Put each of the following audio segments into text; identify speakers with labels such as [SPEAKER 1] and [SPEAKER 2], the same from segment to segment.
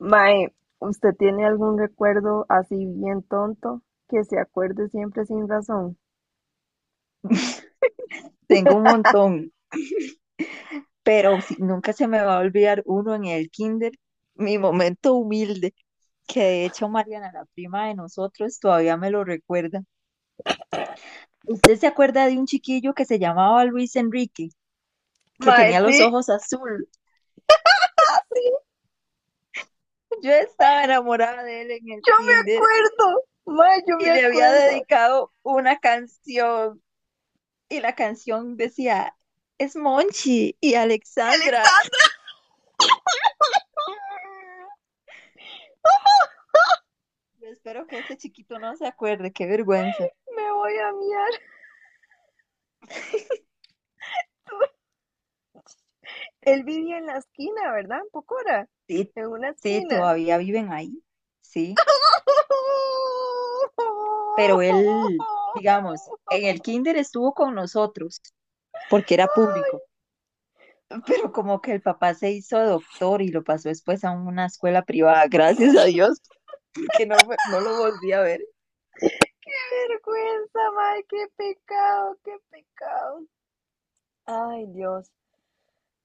[SPEAKER 1] Mae, ¿usted tiene algún recuerdo así bien tonto que se acuerde siempre sin razón?
[SPEAKER 2] Tengo un montón, pero nunca se me va a olvidar uno en el kinder, mi momento humilde, que de hecho Mariana, la prima de nosotros, todavía me lo recuerda. ¿Usted se acuerda de un chiquillo que se llamaba Luis Enrique, que
[SPEAKER 1] Mae,
[SPEAKER 2] tenía los
[SPEAKER 1] sí.
[SPEAKER 2] ojos azul?
[SPEAKER 1] Ah, sí,
[SPEAKER 2] Yo estaba enamorada de él en el
[SPEAKER 1] yo me
[SPEAKER 2] kinder
[SPEAKER 1] acuerdo. Mae, yo me
[SPEAKER 2] y le había
[SPEAKER 1] acuerdo.
[SPEAKER 2] dedicado una canción y la canción decía, es Monchi y Alexandra.
[SPEAKER 1] Alexandra, ah,
[SPEAKER 2] Yo espero que ese chiquito no se acuerde, qué vergüenza.
[SPEAKER 1] me voy a miar. Él vivía en la esquina, ¿verdad? En Pocora,
[SPEAKER 2] Sí,
[SPEAKER 1] en una
[SPEAKER 2] sí,
[SPEAKER 1] esquina.
[SPEAKER 2] todavía viven ahí, sí, pero él, digamos, en el kinder estuvo con nosotros porque era público,
[SPEAKER 1] Ay,
[SPEAKER 2] pero como que el papá se hizo doctor y lo pasó después a una escuela privada, gracias a Dios, porque no, no lo volví a ver.
[SPEAKER 1] qué vergüenza, mae, qué pecado, qué pecado. Ay, Dios.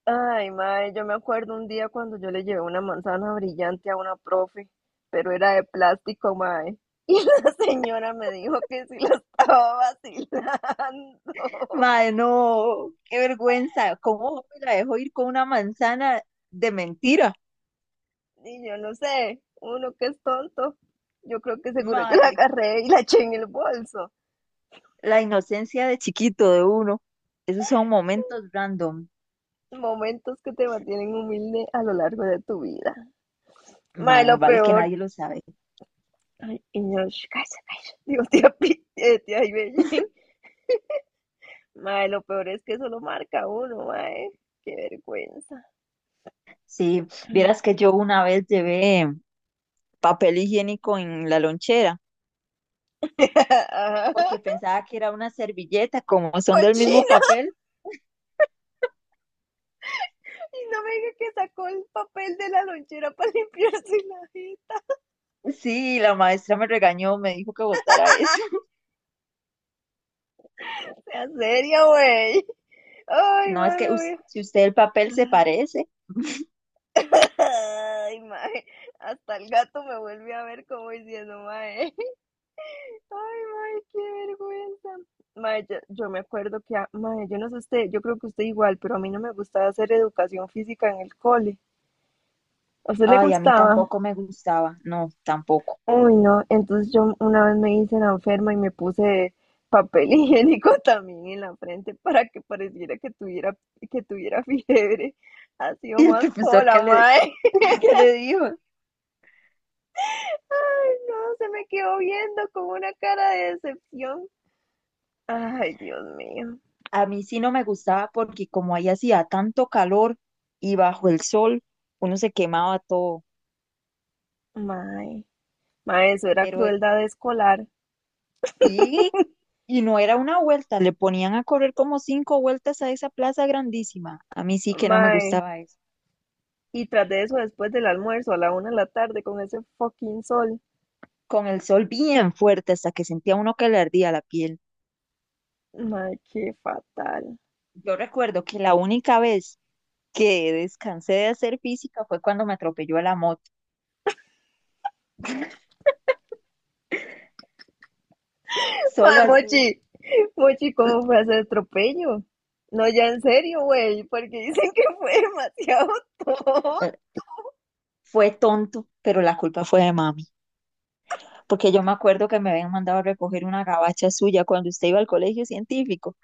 [SPEAKER 1] Ay, mae, yo me acuerdo un día cuando yo le llevé una manzana brillante a una profe, pero era de plástico, mae. Y la señora me dijo que si la estaba vacilando.
[SPEAKER 2] Mae, no, qué vergüenza, ¿cómo me la dejó ir con una manzana de mentira?
[SPEAKER 1] Y yo no sé, uno que es tonto. Yo creo que seguro yo la
[SPEAKER 2] Mae,
[SPEAKER 1] agarré y la eché en el bolso.
[SPEAKER 2] la inocencia de chiquito de uno, esos son momentos random,
[SPEAKER 1] Momentos que te mantienen humilde a lo largo de tu vida. Mae,
[SPEAKER 2] mae,
[SPEAKER 1] lo
[SPEAKER 2] vale que
[SPEAKER 1] peor.
[SPEAKER 2] nadie lo sabe.
[SPEAKER 1] Ay, y yo, "Sh, cállese, cállese". Digo, tía, tía Ibellín, mae, lo peor es que eso lo marca uno, mae. Qué vergüenza.
[SPEAKER 2] Sí,
[SPEAKER 1] Mm.
[SPEAKER 2] vieras que yo una vez llevé papel higiénico en la lonchera
[SPEAKER 1] Ajá.
[SPEAKER 2] porque pensaba que era una servilleta, como son del mismo
[SPEAKER 1] Cochina.
[SPEAKER 2] papel.
[SPEAKER 1] Y no me diga que sacó el papel de la lonchera para limpiarse la jeta.
[SPEAKER 2] Sí, la maestra me regañó, me dijo que botara eso.
[SPEAKER 1] Sea seria, güey. Ay,
[SPEAKER 2] No, es
[SPEAKER 1] mae,
[SPEAKER 2] que
[SPEAKER 1] me voy.
[SPEAKER 2] si usted el papel se
[SPEAKER 1] a-
[SPEAKER 2] parece.
[SPEAKER 1] Ay, mae. Hasta el gato me vuelve a ver como diciendo, mae. Ay, mae, qué vergüenza. Mae, yo me acuerdo que, mae, yo no sé usted, yo creo que usted igual, pero a mí no me gustaba hacer educación física en el cole. ¿A usted le
[SPEAKER 2] Ay, a mí
[SPEAKER 1] gustaba?
[SPEAKER 2] tampoco me gustaba. No, tampoco.
[SPEAKER 1] Uy, no. Entonces yo una vez me hice la enferma y me puse papel higiénico también en la frente para que pareciera que tuviera fiebre. Ha sido
[SPEAKER 2] ¿Y el
[SPEAKER 1] más
[SPEAKER 2] profesor qué
[SPEAKER 1] pola,
[SPEAKER 2] le,
[SPEAKER 1] mae.
[SPEAKER 2] qué le dijo?
[SPEAKER 1] Ay, no, se me quedó viendo con una cara de decepción. Ay, Dios mío.
[SPEAKER 2] A mí sí no me gustaba porque como ahí hacía tanto calor y bajo el sol, uno se quemaba todo.
[SPEAKER 1] Mae. Mae, eso era
[SPEAKER 2] Pero
[SPEAKER 1] crueldad escolar.
[SPEAKER 2] sí, y no era una vuelta, le ponían a correr como cinco vueltas a esa plaza grandísima. A mí sí que no me
[SPEAKER 1] Mae,
[SPEAKER 2] gustaba eso.
[SPEAKER 1] y tras de eso, después del almuerzo a la 1 de la tarde con ese fucking sol.
[SPEAKER 2] Con el sol bien fuerte hasta que sentía uno que le ardía la piel.
[SPEAKER 1] Mae, qué fatal.
[SPEAKER 2] Yo recuerdo que la única vez que descansé de hacer física fue cuando me atropelló la moto.
[SPEAKER 1] Mae,
[SPEAKER 2] Solo así.
[SPEAKER 1] Mochi, Mochi, ¿cómo fue ese atropello? No, ya en serio, güey, porque dicen que fue demasiado tonto.
[SPEAKER 2] eh, Fue tonto, pero la culpa fue de mami, porque yo me acuerdo que me habían mandado a recoger una gabacha suya cuando usted iba al colegio científico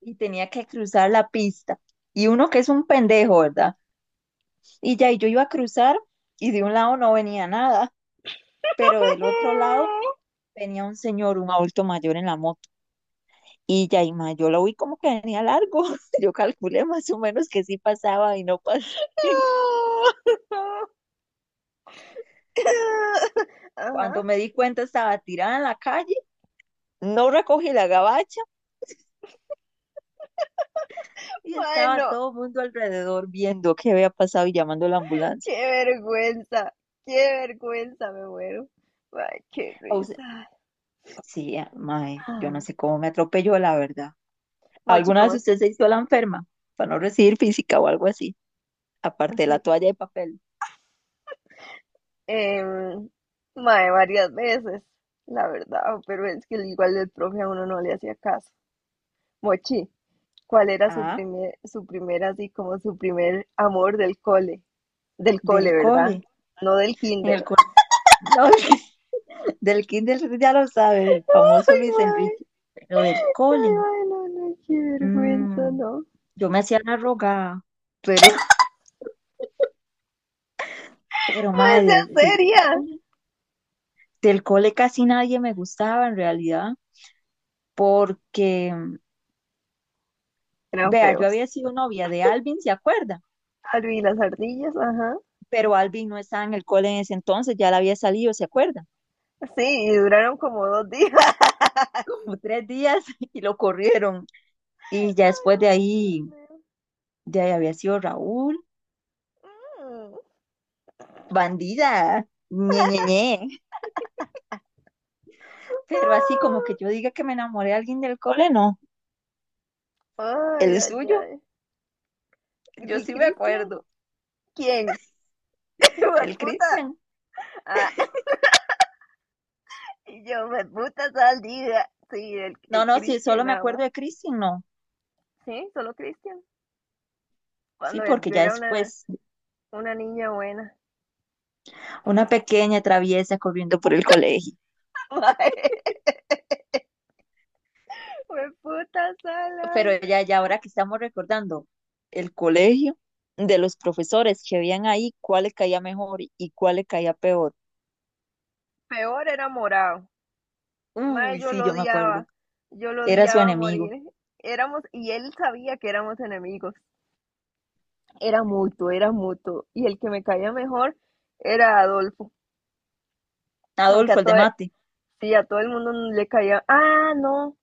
[SPEAKER 2] y tenía que cruzar la pista. Y uno que es un pendejo, ¿verdad? Y ya, y yo iba a cruzar y de un lado no venía nada, pero del otro lado venía un señor, un adulto mayor en la moto. Y ya, y ma, yo lo vi como que venía largo. Yo calculé más o menos que sí pasaba y no pasé.
[SPEAKER 1] Ajá.
[SPEAKER 2] Cuando me di cuenta estaba tirada en la calle, no recogí la gabacha y estaba
[SPEAKER 1] Bueno,
[SPEAKER 2] todo el mundo alrededor viendo qué había pasado y llamando a la ambulancia.
[SPEAKER 1] qué vergüenza, qué vergüenza, me muero. Ay, qué
[SPEAKER 2] O sea,
[SPEAKER 1] risa.
[SPEAKER 2] sí, ah, mae, yo
[SPEAKER 1] Ah.
[SPEAKER 2] no sé cómo me atropelló, la verdad.
[SPEAKER 1] Mochi,
[SPEAKER 2] ¿Alguna
[SPEAKER 1] ¿cómo
[SPEAKER 2] vez
[SPEAKER 1] es?
[SPEAKER 2] usted se hizo la enferma para no recibir física o algo así? Aparte de la
[SPEAKER 1] Sí,
[SPEAKER 2] toalla de papel.
[SPEAKER 1] em, mae, varias veces, la verdad, pero es que igual el profe a uno no le hacía caso. Mochi, ¿cuál era
[SPEAKER 2] Ah,
[SPEAKER 1] así como su primer amor del cole? Del cole,
[SPEAKER 2] del
[SPEAKER 1] ¿verdad?
[SPEAKER 2] cole.
[SPEAKER 1] No del
[SPEAKER 2] En
[SPEAKER 1] kinder.
[SPEAKER 2] el col- No, del kinder ya lo sabe, el famoso
[SPEAKER 1] Ay,
[SPEAKER 2] Luis
[SPEAKER 1] mae,
[SPEAKER 2] Enrique. Pero del
[SPEAKER 1] ay,
[SPEAKER 2] cole.
[SPEAKER 1] mae, no, no, qué vergüenza,
[SPEAKER 2] mm,
[SPEAKER 1] no.
[SPEAKER 2] yo me hacía la rogada, pero, pero
[SPEAKER 1] Mae,
[SPEAKER 2] madre,
[SPEAKER 1] sea
[SPEAKER 2] del
[SPEAKER 1] seria.
[SPEAKER 2] cole. Del cole casi nadie me gustaba en realidad, porque,
[SPEAKER 1] Eran
[SPEAKER 2] vea, yo
[SPEAKER 1] feos.
[SPEAKER 2] había sido novia de Alvin, ¿se acuerda?
[SPEAKER 1] Albi las ardillas, ajá.
[SPEAKER 2] Pero Alvin no estaba en el cole en ese entonces, ya la había salido, ¿se acuerda?
[SPEAKER 1] Sí, y duraron como 2 días.
[SPEAKER 2] Como tres días y lo corrieron. Y ya
[SPEAKER 1] Ay,
[SPEAKER 2] después de
[SPEAKER 1] mae,
[SPEAKER 2] ahí
[SPEAKER 1] Dios mío.
[SPEAKER 2] ya había sido Raúl,
[SPEAKER 1] Mm.
[SPEAKER 2] bandida, ñe, ñe, ñe. Pero así como que
[SPEAKER 1] Ah.
[SPEAKER 2] yo diga que me enamoré de alguien del cole, no.
[SPEAKER 1] Ay,
[SPEAKER 2] El
[SPEAKER 1] ay,
[SPEAKER 2] suyo,
[SPEAKER 1] ay. Di
[SPEAKER 2] yo sí me
[SPEAKER 1] Cristian,
[SPEAKER 2] acuerdo.
[SPEAKER 1] ¿quién?
[SPEAKER 2] El
[SPEAKER 1] Puta.
[SPEAKER 2] Cristian.
[SPEAKER 1] Ah, y yo, me puta saldiga. Sí, el,
[SPEAKER 2] No,
[SPEAKER 1] el
[SPEAKER 2] no, sí,
[SPEAKER 1] Cristian
[SPEAKER 2] solo me
[SPEAKER 1] nada
[SPEAKER 2] acuerdo
[SPEAKER 1] más.
[SPEAKER 2] de Cristian, no.
[SPEAKER 1] Sí, solo Cristian.
[SPEAKER 2] Sí,
[SPEAKER 1] Cuando
[SPEAKER 2] porque
[SPEAKER 1] yo
[SPEAKER 2] ya
[SPEAKER 1] era
[SPEAKER 2] después,
[SPEAKER 1] una niña buena.
[SPEAKER 2] una pequeña traviesa corriendo por el colegio.
[SPEAKER 1] Me puta sal, ay.
[SPEAKER 2] Pero ya, ya ahora que estamos recordando el colegio, de los profesores que habían ahí, cuál le caía mejor y cuál le caía peor.
[SPEAKER 1] Peor era morado. Mae,
[SPEAKER 2] Uy,
[SPEAKER 1] yo
[SPEAKER 2] sí,
[SPEAKER 1] lo
[SPEAKER 2] yo me acuerdo.
[SPEAKER 1] odiaba. Yo lo
[SPEAKER 2] Era su
[SPEAKER 1] odiaba a
[SPEAKER 2] enemigo.
[SPEAKER 1] morir. Éramos, y él sabía que éramos enemigos. Era mutuo, era mutuo. Y el que me caía mejor era Adolfo. Aunque a,
[SPEAKER 2] Adolfo, el
[SPEAKER 1] todo,
[SPEAKER 2] de mate.
[SPEAKER 1] sí, a todo el mundo le caía. Ah, no,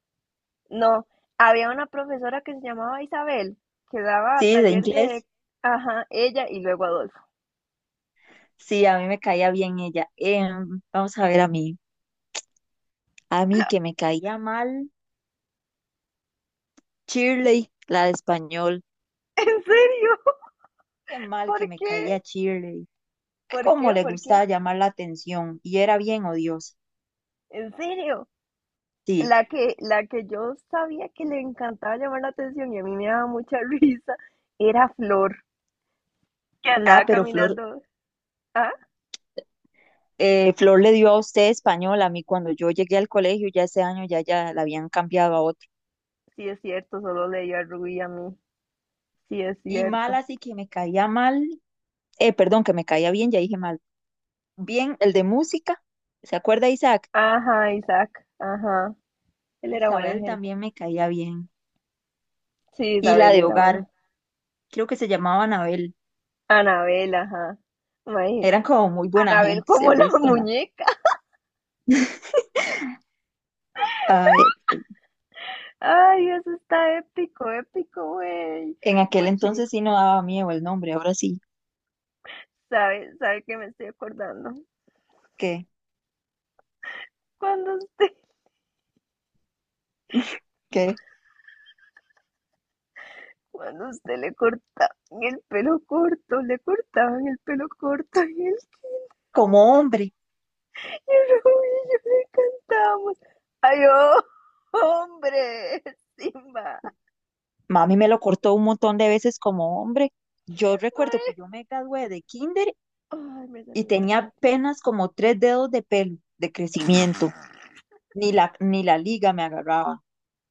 [SPEAKER 1] no. Había una profesora que se llamaba Isabel, que daba
[SPEAKER 2] Sí, de
[SPEAKER 1] taller de,
[SPEAKER 2] inglés.
[SPEAKER 1] ajá, ella y luego Adolfo.
[SPEAKER 2] Sí, a mí me caía bien ella. Vamos a ver a mí. A mí que me caía mal, Shirley, la de español.
[SPEAKER 1] ¿En serio?
[SPEAKER 2] Qué mal
[SPEAKER 1] ¿Por
[SPEAKER 2] que me
[SPEAKER 1] qué?
[SPEAKER 2] caía Shirley.
[SPEAKER 1] ¿Por
[SPEAKER 2] Cómo
[SPEAKER 1] qué?
[SPEAKER 2] le
[SPEAKER 1] ¿Por qué?
[SPEAKER 2] gustaba llamar la atención y era bien odiosa.
[SPEAKER 1] ¿En serio?
[SPEAKER 2] Sí.
[SPEAKER 1] La que yo sabía que le encantaba llamar la atención y a mí me daba mucha risa era Flor, que andaba
[SPEAKER 2] Ah, pero Flor,
[SPEAKER 1] caminando. Ah,
[SPEAKER 2] Flor le dio a usted español. A mí cuando yo llegué al colegio ya ese año ya, ya la habían cambiado a otro.
[SPEAKER 1] sí es cierto, solo leía a Rubí y a mí. Sí es
[SPEAKER 2] Y mal
[SPEAKER 1] cierto.
[SPEAKER 2] así que me caía mal. Perdón, que me caía bien, ya dije mal. Bien, el de música. ¿Se acuerda, Isaac?
[SPEAKER 1] Ajá, Isaac, ajá. Él era buena
[SPEAKER 2] Isabel
[SPEAKER 1] gente.
[SPEAKER 2] también me caía bien.
[SPEAKER 1] Sí,
[SPEAKER 2] Y la
[SPEAKER 1] Isabel
[SPEAKER 2] de
[SPEAKER 1] era buena.
[SPEAKER 2] hogar, creo que se llamaba Anabel.
[SPEAKER 1] Anabel, ajá. Mae,
[SPEAKER 2] Eran como muy buena
[SPEAKER 1] Anabel
[SPEAKER 2] gente,
[SPEAKER 1] como
[SPEAKER 2] el
[SPEAKER 1] la
[SPEAKER 2] resto no.
[SPEAKER 1] muñeca.
[SPEAKER 2] Ay,
[SPEAKER 1] Ay, eso está épico, épico, güey.
[SPEAKER 2] en aquel
[SPEAKER 1] Mochi,
[SPEAKER 2] entonces sí no daba miedo el nombre, ahora sí,
[SPEAKER 1] ¿sabe, sabe que me estoy acordando?
[SPEAKER 2] que,
[SPEAKER 1] Cuando usted,
[SPEAKER 2] que
[SPEAKER 1] cuando usted le cortaban el pelo corto, le cortaban el pelo corto
[SPEAKER 2] como hombre.
[SPEAKER 1] y el rubio le cantábamos. Ay, oh, hombre, Simba.
[SPEAKER 2] Mami me lo cortó un montón de veces como hombre. Yo recuerdo
[SPEAKER 1] Mae,
[SPEAKER 2] que yo me gradué de kinder
[SPEAKER 1] ay, me
[SPEAKER 2] y
[SPEAKER 1] salió una
[SPEAKER 2] tenía
[SPEAKER 1] lágrima.
[SPEAKER 2] apenas como tres dedos de pelo de crecimiento. Ni la liga me agarraba.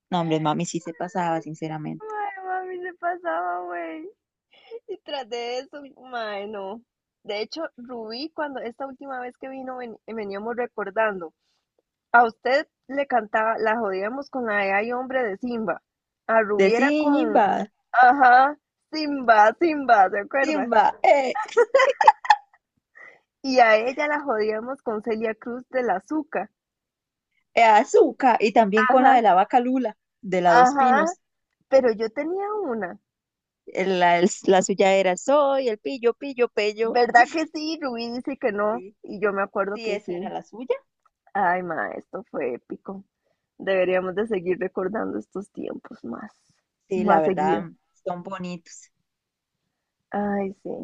[SPEAKER 2] No, hombre, mami sí se pasaba, sinceramente.
[SPEAKER 1] Ay, mami, se pasaba, güey. Y tras de eso, mae, no. De hecho, Rubí, cuando esta última vez que vino, veníamos recordando, a usted le cantaba, la jodíamos con la de Ay Hombre de Simba. A
[SPEAKER 2] De
[SPEAKER 1] Rubí era con,
[SPEAKER 2] Simba,
[SPEAKER 1] ajá, Simba, Simba, ¿se acuerda?
[SPEAKER 2] Simba, ¡eh!
[SPEAKER 1] Y a ella la jodíamos con Celia Cruz de la Zuca.
[SPEAKER 2] Azúcar y también con la de
[SPEAKER 1] Ajá,
[SPEAKER 2] la vaca Lula, de la Dos
[SPEAKER 1] ajá,
[SPEAKER 2] Pinos.
[SPEAKER 1] pero yo tenía una.
[SPEAKER 2] La suya era soy el pillo, pillo, pello.
[SPEAKER 1] ¿Verdad que sí? Rubí dice que no.
[SPEAKER 2] Sí,
[SPEAKER 1] Y yo me acuerdo
[SPEAKER 2] sí,
[SPEAKER 1] que
[SPEAKER 2] esa era
[SPEAKER 1] sí.
[SPEAKER 2] la suya.
[SPEAKER 1] Ay, ma, esto fue épico. Deberíamos de seguir recordando estos tiempos más,
[SPEAKER 2] Sí, la
[SPEAKER 1] más
[SPEAKER 2] verdad,
[SPEAKER 1] seguido.
[SPEAKER 2] son bonitos.
[SPEAKER 1] Ay, sí.